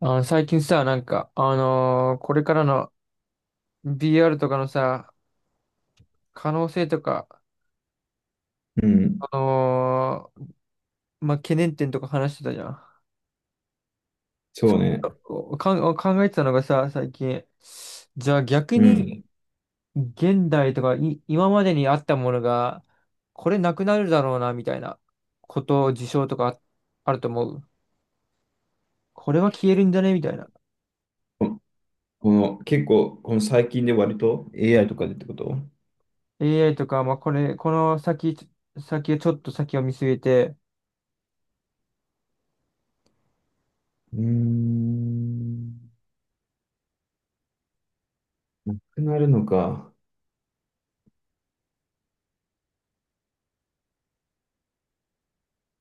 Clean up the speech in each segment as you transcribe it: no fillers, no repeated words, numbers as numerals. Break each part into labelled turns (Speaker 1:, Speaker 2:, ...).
Speaker 1: 最近さ、これからの BR とかのさ、可能性とか、
Speaker 2: うん、
Speaker 1: あのーまあ、懸念点とか話してたじゃん。
Speaker 2: そ
Speaker 1: ちょ
Speaker 2: う
Speaker 1: っ
Speaker 2: ね。
Speaker 1: とこうかん、考えてたのがさ、最近。じゃあ逆
Speaker 2: う
Speaker 1: に、
Speaker 2: ん。
Speaker 1: 現代とかい、今までにあったものが、これなくなるだろうな、みたいなこと、事象とかああると思う。これは消えるんじゃねみたいな。
Speaker 2: ここの、結構、この最近で割と AI とかでってこと。
Speaker 1: AI とか、この先、ちょっと先を見据えて、
Speaker 2: うーん。なくなるのか。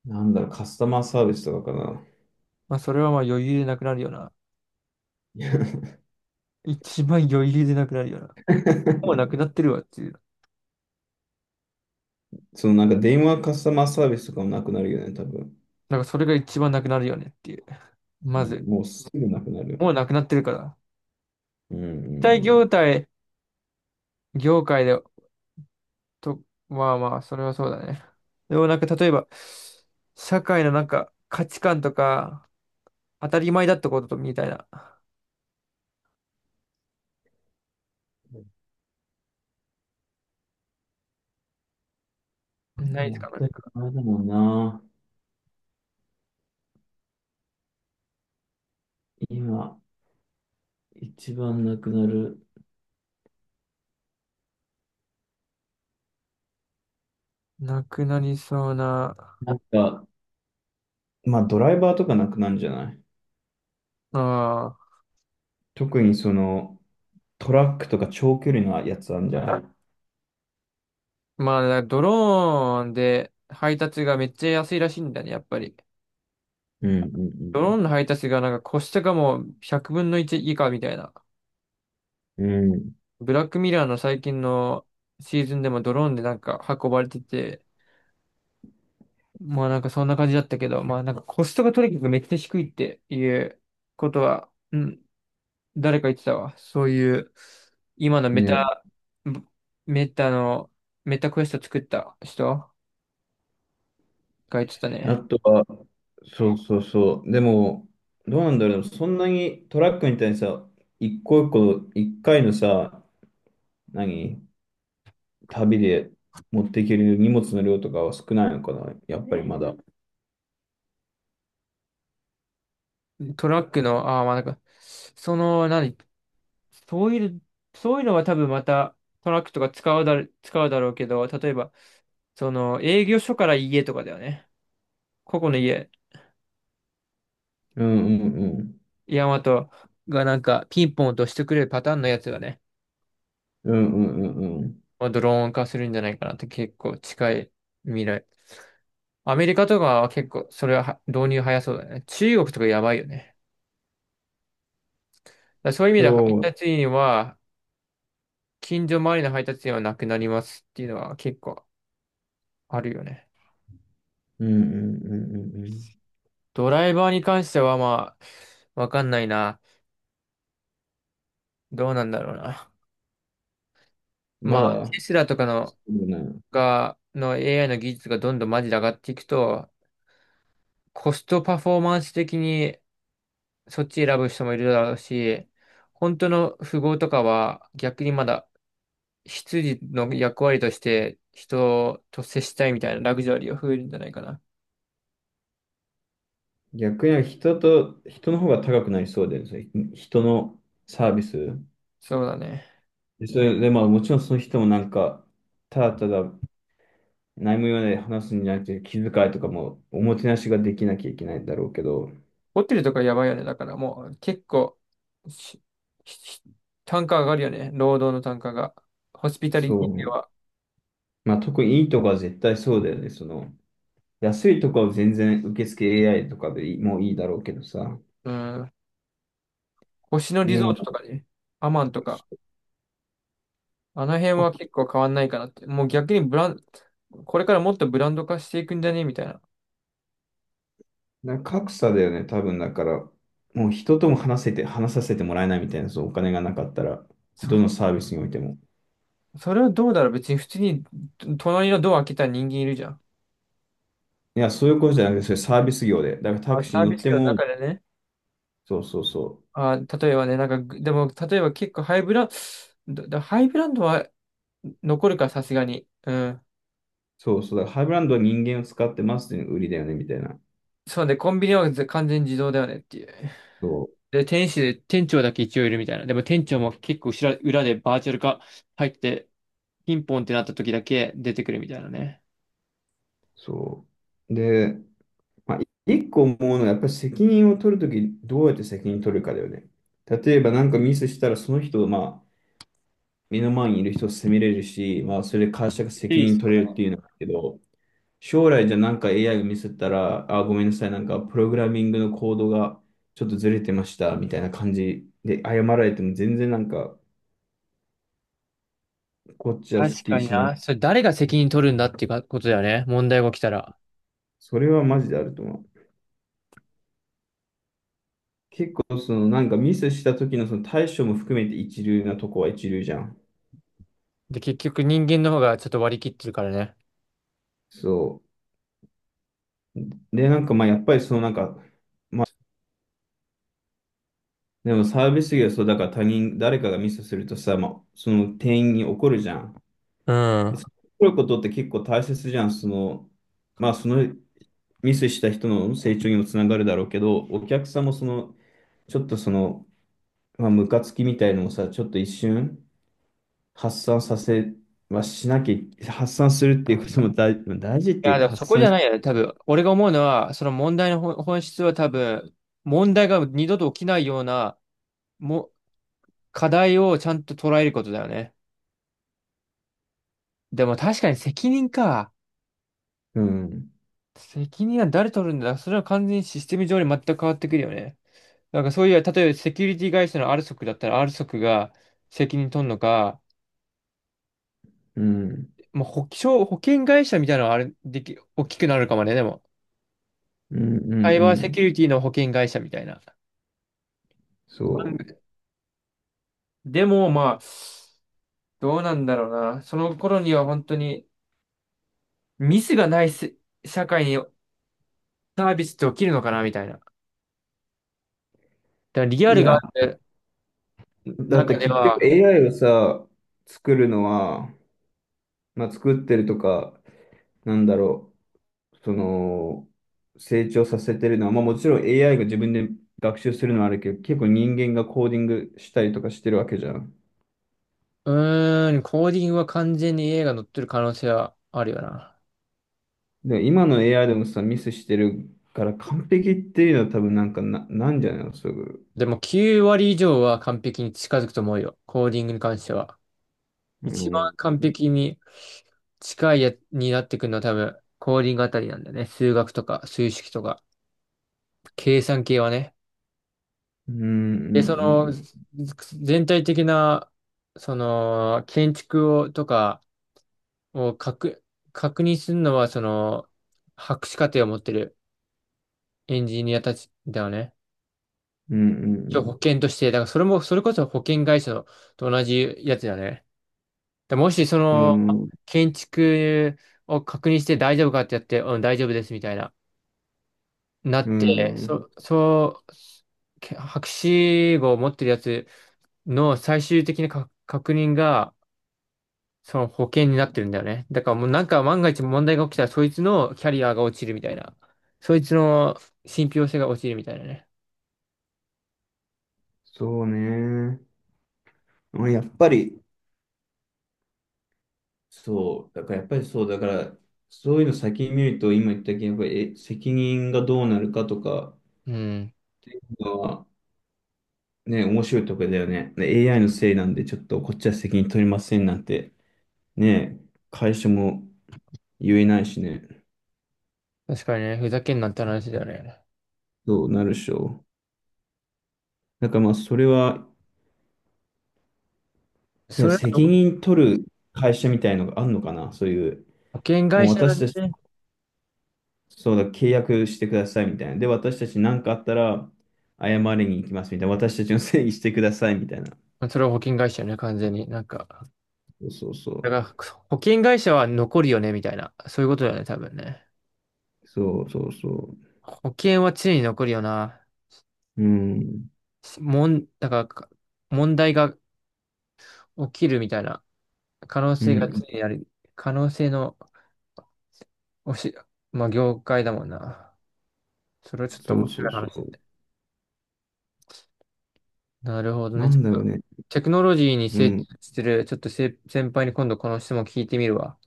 Speaker 2: カスタマーサービスとかかな。
Speaker 1: まあ、それはまあ余裕でなくなるよな。
Speaker 2: いや。
Speaker 1: 一番余裕でなくなるような。もうな くなってるわっていう。
Speaker 2: そのなんか電話カスタマーサービスとかもなくなるよね、多分。
Speaker 1: なんかそれが一番なくなるよねっていう。
Speaker 2: う
Speaker 1: ま
Speaker 2: ん、
Speaker 1: ず、
Speaker 2: もうすぐなくなる。
Speaker 1: もうなくなってるから。
Speaker 2: うんう
Speaker 1: 大
Speaker 2: ん
Speaker 1: 業態、業界で、と、まあまあ、それはそうだね。でもなんか例えば、社会のなんか価値観とか、当たり前だったことみたいな、ないで
Speaker 2: う
Speaker 1: すか
Speaker 2: ん。
Speaker 1: なん
Speaker 2: 当たり
Speaker 1: か、
Speaker 2: 前だもんな。今、一番なくなる。
Speaker 1: なくなりそうな、
Speaker 2: なんか、まあドライバーとかなくなるんじゃない？
Speaker 1: ああ、
Speaker 2: 特にその、トラックとか長距離のやつあるんじゃない？
Speaker 1: まあ、だからドローンで配達がめっちゃ安いらしいんだね、やっぱり。
Speaker 2: うんう
Speaker 1: ドロー
Speaker 2: ん
Speaker 1: ンの配達がなんかコストがもう100分の1以下みたいな。
Speaker 2: うん。
Speaker 1: ブラックミラーの最近のシーズンでもドローンでなんか運ばれてて、まあなんかそんな感じだったけど、まあなんかコストがとにかくめっちゃ低いっていうことは、うん、誰か言ってたわ。そういう、今の
Speaker 2: うん。
Speaker 1: メ
Speaker 2: ね。
Speaker 1: タ、メタの、メタクエスト作った人が言ってた
Speaker 2: あ
Speaker 1: ね。
Speaker 2: とは、そうそうそう。でも、どうなんだろう。そんなにトラックみたいにさ、一個一個、一回のさ、何、旅で持っていける荷物の量とかは少ないのかな。やっぱりまだ。
Speaker 1: トラックの、ああまあなんか、その、何、そういう、そういうのは多分またトラックとか使うだろ、使うだろうけど、例えば、その営業所から家とかだよね。ここの家、
Speaker 2: うんうんうん。
Speaker 1: ヤマトがなんかピンポン落としてくれるパターンのやつがね、
Speaker 2: うんうんうんうん。
Speaker 1: まあ、ドローン化するんじゃないかなって結構近い未来。アメリカとかは結構それは導入早そうだね。中国とかやばいよね。だからそういう意味では配
Speaker 2: そう。
Speaker 1: 達員は、近所周りの配達員はなくなりますっていうのは結構あるよね。
Speaker 2: うんうんうんうんう
Speaker 1: ドライバーに関してはまあ、わかんないな。どうなんだろうな。
Speaker 2: ん。
Speaker 1: ま
Speaker 2: ま
Speaker 1: あ、
Speaker 2: だ、
Speaker 1: テスラとか
Speaker 2: そ
Speaker 1: の、
Speaker 2: うね。
Speaker 1: が、の AI の技術がどんどんマジで上がっていくと、コストパフォーマンス的にそっち選ぶ人もいるだろうし、本当の富豪とかは逆にまだ執事の役割として人と接したいみたいなラグジュアリーが増えるんじゃないかな。
Speaker 2: 逆に人と、人の方が高くなりそうで、それ人のサービス。
Speaker 1: そうだね。
Speaker 2: でそれで、まあもちろんその人もなんか、ただただ何も言わないで話すんじゃなくて、気遣いとかもおもてなしができなきゃいけないんだろうけど、
Speaker 1: ホテルとかやばいよね。だからもう結構し、し単価上がるよね。労働の単価が。ホスピタリテ
Speaker 2: そう
Speaker 1: ィ
Speaker 2: ね。
Speaker 1: は。
Speaker 2: まあ特にいいとこは絶対そうだよね。その、安いとこは全然受付 AI とかでいい、もういいだろうけどさ。
Speaker 1: うん。星野リ
Speaker 2: で
Speaker 1: ゾート
Speaker 2: も、
Speaker 1: とかね。アマンとか。あの辺は結構変わんないかなって。もう逆にブラン、これからもっとブランド化していくんじゃねみたいな。
Speaker 2: な格差だよね、多分だから、もう人とも話せて、話させてもらえないみたいな、そう、お金がなかったら、
Speaker 1: そ
Speaker 2: どの
Speaker 1: れ、
Speaker 2: サービスにおいても。
Speaker 1: それはどうだろう別に普通にと隣のドア開けた人間いるじゃん。
Speaker 2: いや、そういうことじゃなくて、それサービス業で。だからタ
Speaker 1: あ、
Speaker 2: クシー
Speaker 1: サ
Speaker 2: に
Speaker 1: ー
Speaker 2: 乗
Speaker 1: ビ
Speaker 2: っ
Speaker 1: ス
Speaker 2: て
Speaker 1: 業の
Speaker 2: も、
Speaker 1: 中でね。
Speaker 2: そうそうそう。
Speaker 1: あ、例えばね、なんかぐ、でも、例えば結構ハイブランドは残るか、さすがに。うん。
Speaker 2: そうそう。だからハイブランドは人間を使ってますっていうのが売りだよね、みたいな。
Speaker 1: そうね、コンビニはず完全自動だよねっていう。
Speaker 2: そう。
Speaker 1: で、店主で、店長だけ一応いるみたいな。でも店長も結構後ろ、裏でバーチャル化入って、ピンポンってなった時だけ出てくるみたいなね。
Speaker 2: そう。で、まあ、一個思うのは、やっぱり責任を取るとき、どうやって責任取るかだよね。例えばなんかミスしたら、その人を、まあ、目の前にいる人を責めれるし、まあ、それで会社が
Speaker 1: い
Speaker 2: 責
Speaker 1: いっす
Speaker 2: 任取れるっ
Speaker 1: ね。
Speaker 2: ていうのがあるけど、将来じゃなんか AI がミスったら、あ、ごめんなさい、なんかプログラミングのコードがちょっとずれてました、みたいな感じで謝られても全然なんか、こっちはス
Speaker 1: 確
Speaker 2: ッキ
Speaker 1: か
Speaker 2: リ
Speaker 1: に
Speaker 2: しない。
Speaker 1: な。それ誰が責任取るんだっていうかことだよね。問題が起きたら。
Speaker 2: それはマジであると思う。結構そのなんかミスした時のその対処も含めて一流なとこは一流じゃん。
Speaker 1: で、結局人間の方がちょっと割り切ってるからね。
Speaker 2: そう。で、なんかまあやっぱりそのなんか、でもサービス業はそうだから他人、誰かがミスするとさ、まあ、その店員に怒るじゃん。
Speaker 1: うん。
Speaker 2: で、怒ることって結構大切じゃん。その、まあそのミスした人の成長にもつながるだろうけど、お客さんもその、ちょっとその、まあ、ムカつきみたいのもさ、ちょっと一瞬発散させはしなきゃ、発散するっていうことも大、まあ大事っ
Speaker 1: い
Speaker 2: ていう
Speaker 1: や、で
Speaker 2: か、
Speaker 1: もそ
Speaker 2: 発
Speaker 1: こじ
Speaker 2: 散
Speaker 1: ゃ
Speaker 2: し、
Speaker 1: ないよね。多分、俺が思うのは、その問題の本質は多分、問題が二度と起きないような、も、課題をちゃんと捉えることだよね。でも確かに責任か。
Speaker 2: うん、
Speaker 1: 責任は誰取るんだそれは完全にシステム上に全く変わってくるよね。なんかそういう、例えばセキュリティ会社の r s o クだったら r s o クが責任取るのか、
Speaker 2: うん、
Speaker 1: まあ、保険会社みたいなのはあれ、でき、大きくなるかもね、でも。
Speaker 2: うん、うん、
Speaker 1: サイ
Speaker 2: う
Speaker 1: バーセ
Speaker 2: ん、
Speaker 1: キュリティの保険会社みたいな。
Speaker 2: そ
Speaker 1: までも、まあ、どうなんだろうな。その頃には本当にミスがないせ社会にサービスって起きるのかなみたいな。だからリア
Speaker 2: う。い
Speaker 1: ルが
Speaker 2: や、
Speaker 1: ある
Speaker 2: だっ
Speaker 1: 中
Speaker 2: て
Speaker 1: で
Speaker 2: 結局
Speaker 1: は、
Speaker 2: AI をさ、作るのは、まあ、作ってるとか、なんだろう。その、成長させてるのは、まあもちろん AI が自分で学習するのはあるけど、結構人間がコーディングしたりとかしてるわけじゃん。
Speaker 1: うーん、コーディングは完全に A が乗ってる可能性はあるよな。
Speaker 2: で、今の AI でもさ、ミスしてるから完璧っていうのは多分なんかな、なんじゃないの、すぐ。
Speaker 1: でも9割以上は完璧に近づくと思うよ。コーディングに関しては。
Speaker 2: う
Speaker 1: 一
Speaker 2: ん。
Speaker 1: 番完璧に近いやになってくるのは多分、コーディングあたりなんだよね。数学とか、数式とか、計算系はね。
Speaker 2: うん、
Speaker 1: で、そ
Speaker 2: う
Speaker 1: の、
Speaker 2: ん、
Speaker 1: 全体的な、その、建築を、とかを確、確認するのは、その、博士課程を持ってるエンジニアたちだよね。
Speaker 2: うん、う
Speaker 1: 一応
Speaker 2: ん、
Speaker 1: 保険として、だからそれも、それこそ保険会社のと同じやつだよね。でもし、そ
Speaker 2: う
Speaker 1: の、
Speaker 2: ん、
Speaker 1: 建築を確認して大丈夫かってやって、うん、大丈夫ですみたいな。な
Speaker 2: う
Speaker 1: って、
Speaker 2: ん、うん、
Speaker 1: そ、そう、け博士号を持ってるやつの最終的な確認が、その保険になってるんだよね。だからもうなんか万が一問題が起きたら、そいつのキャリアが落ちるみたいな。そいつの信憑性が落ちるみたいなね。
Speaker 2: そうね。まあやっぱり、そう、だからやっぱりそう、だから、そういうの先に見ると、今言ったけど、やっぱりえ責任がどうなるかとか、
Speaker 1: うん。
Speaker 2: ね、面白いとこだよね。ね AI のせいなんで、ちょっとこっちは責任取りませんなんて、ね、会社も言えないしね、
Speaker 1: 確かにね、ふざけんなって話だよね。
Speaker 2: どうなるでしょう。だからまあ、それは、い
Speaker 1: そ
Speaker 2: や、
Speaker 1: れ
Speaker 2: 責
Speaker 1: は
Speaker 2: 任取る会社みたいのがあるのかな、そういう、
Speaker 1: 保険
Speaker 2: も
Speaker 1: 会
Speaker 2: う
Speaker 1: 社な
Speaker 2: 私
Speaker 1: ん
Speaker 2: たち、
Speaker 1: でね。
Speaker 2: そうだ、契約してくださいみたいな。で、私たち何かあったら、謝りに行きますみたいな。私たちのせいにしてくださいみたいな。
Speaker 1: それは保険会社よね、完全に。なんか、
Speaker 2: そうそうそう。
Speaker 1: だから保険会社は残るよね、みたいな。そういうことだよね、多分ね。
Speaker 2: そうそうそ
Speaker 1: 保険は常に残るよな。
Speaker 2: う。うん。
Speaker 1: もん、だからか、問題が起きるみたいな可能
Speaker 2: う
Speaker 1: 性が
Speaker 2: ん。
Speaker 1: 常にある。可能性のおし、まあ、業界だもんな。それはちょっと
Speaker 2: そ
Speaker 1: 面
Speaker 2: うそ
Speaker 1: 白
Speaker 2: う
Speaker 1: い
Speaker 2: そ
Speaker 1: 話だ
Speaker 2: う。
Speaker 1: ね。なるほど
Speaker 2: な
Speaker 1: ね。ち
Speaker 2: ん
Speaker 1: ょっ
Speaker 2: だろう
Speaker 1: と、
Speaker 2: ね。
Speaker 1: テクノロジーに
Speaker 2: う
Speaker 1: 精通
Speaker 2: ん。
Speaker 1: してる、ちょっと先輩に今度この質問聞いてみるわ。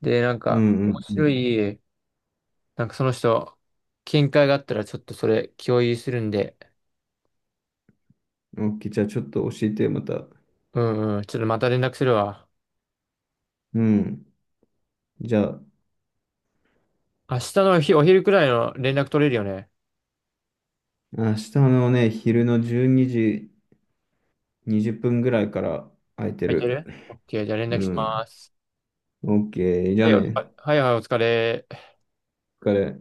Speaker 1: で、なん
Speaker 2: う
Speaker 1: か、面
Speaker 2: んうんう
Speaker 1: 白
Speaker 2: ん。
Speaker 1: い、なんかその人、見解があったらちょっとそれ共有するんで、
Speaker 2: OK、じゃあちょっと教えて、また。
Speaker 1: うんうん、ちょっとまた連絡するわ。
Speaker 2: うん。じゃあ、
Speaker 1: 明日のお昼くらいの連絡取れるよね。
Speaker 2: 明日のね、昼の12時20分ぐらいから空いて
Speaker 1: 空いて
Speaker 2: る。
Speaker 1: る？ OK、じゃあ連
Speaker 2: う
Speaker 1: 絡しま
Speaker 2: ん。
Speaker 1: す。
Speaker 2: OK、じゃ
Speaker 1: は
Speaker 2: あ
Speaker 1: い、あ
Speaker 2: ね、
Speaker 1: はいはい、お疲れ。
Speaker 2: お疲れ。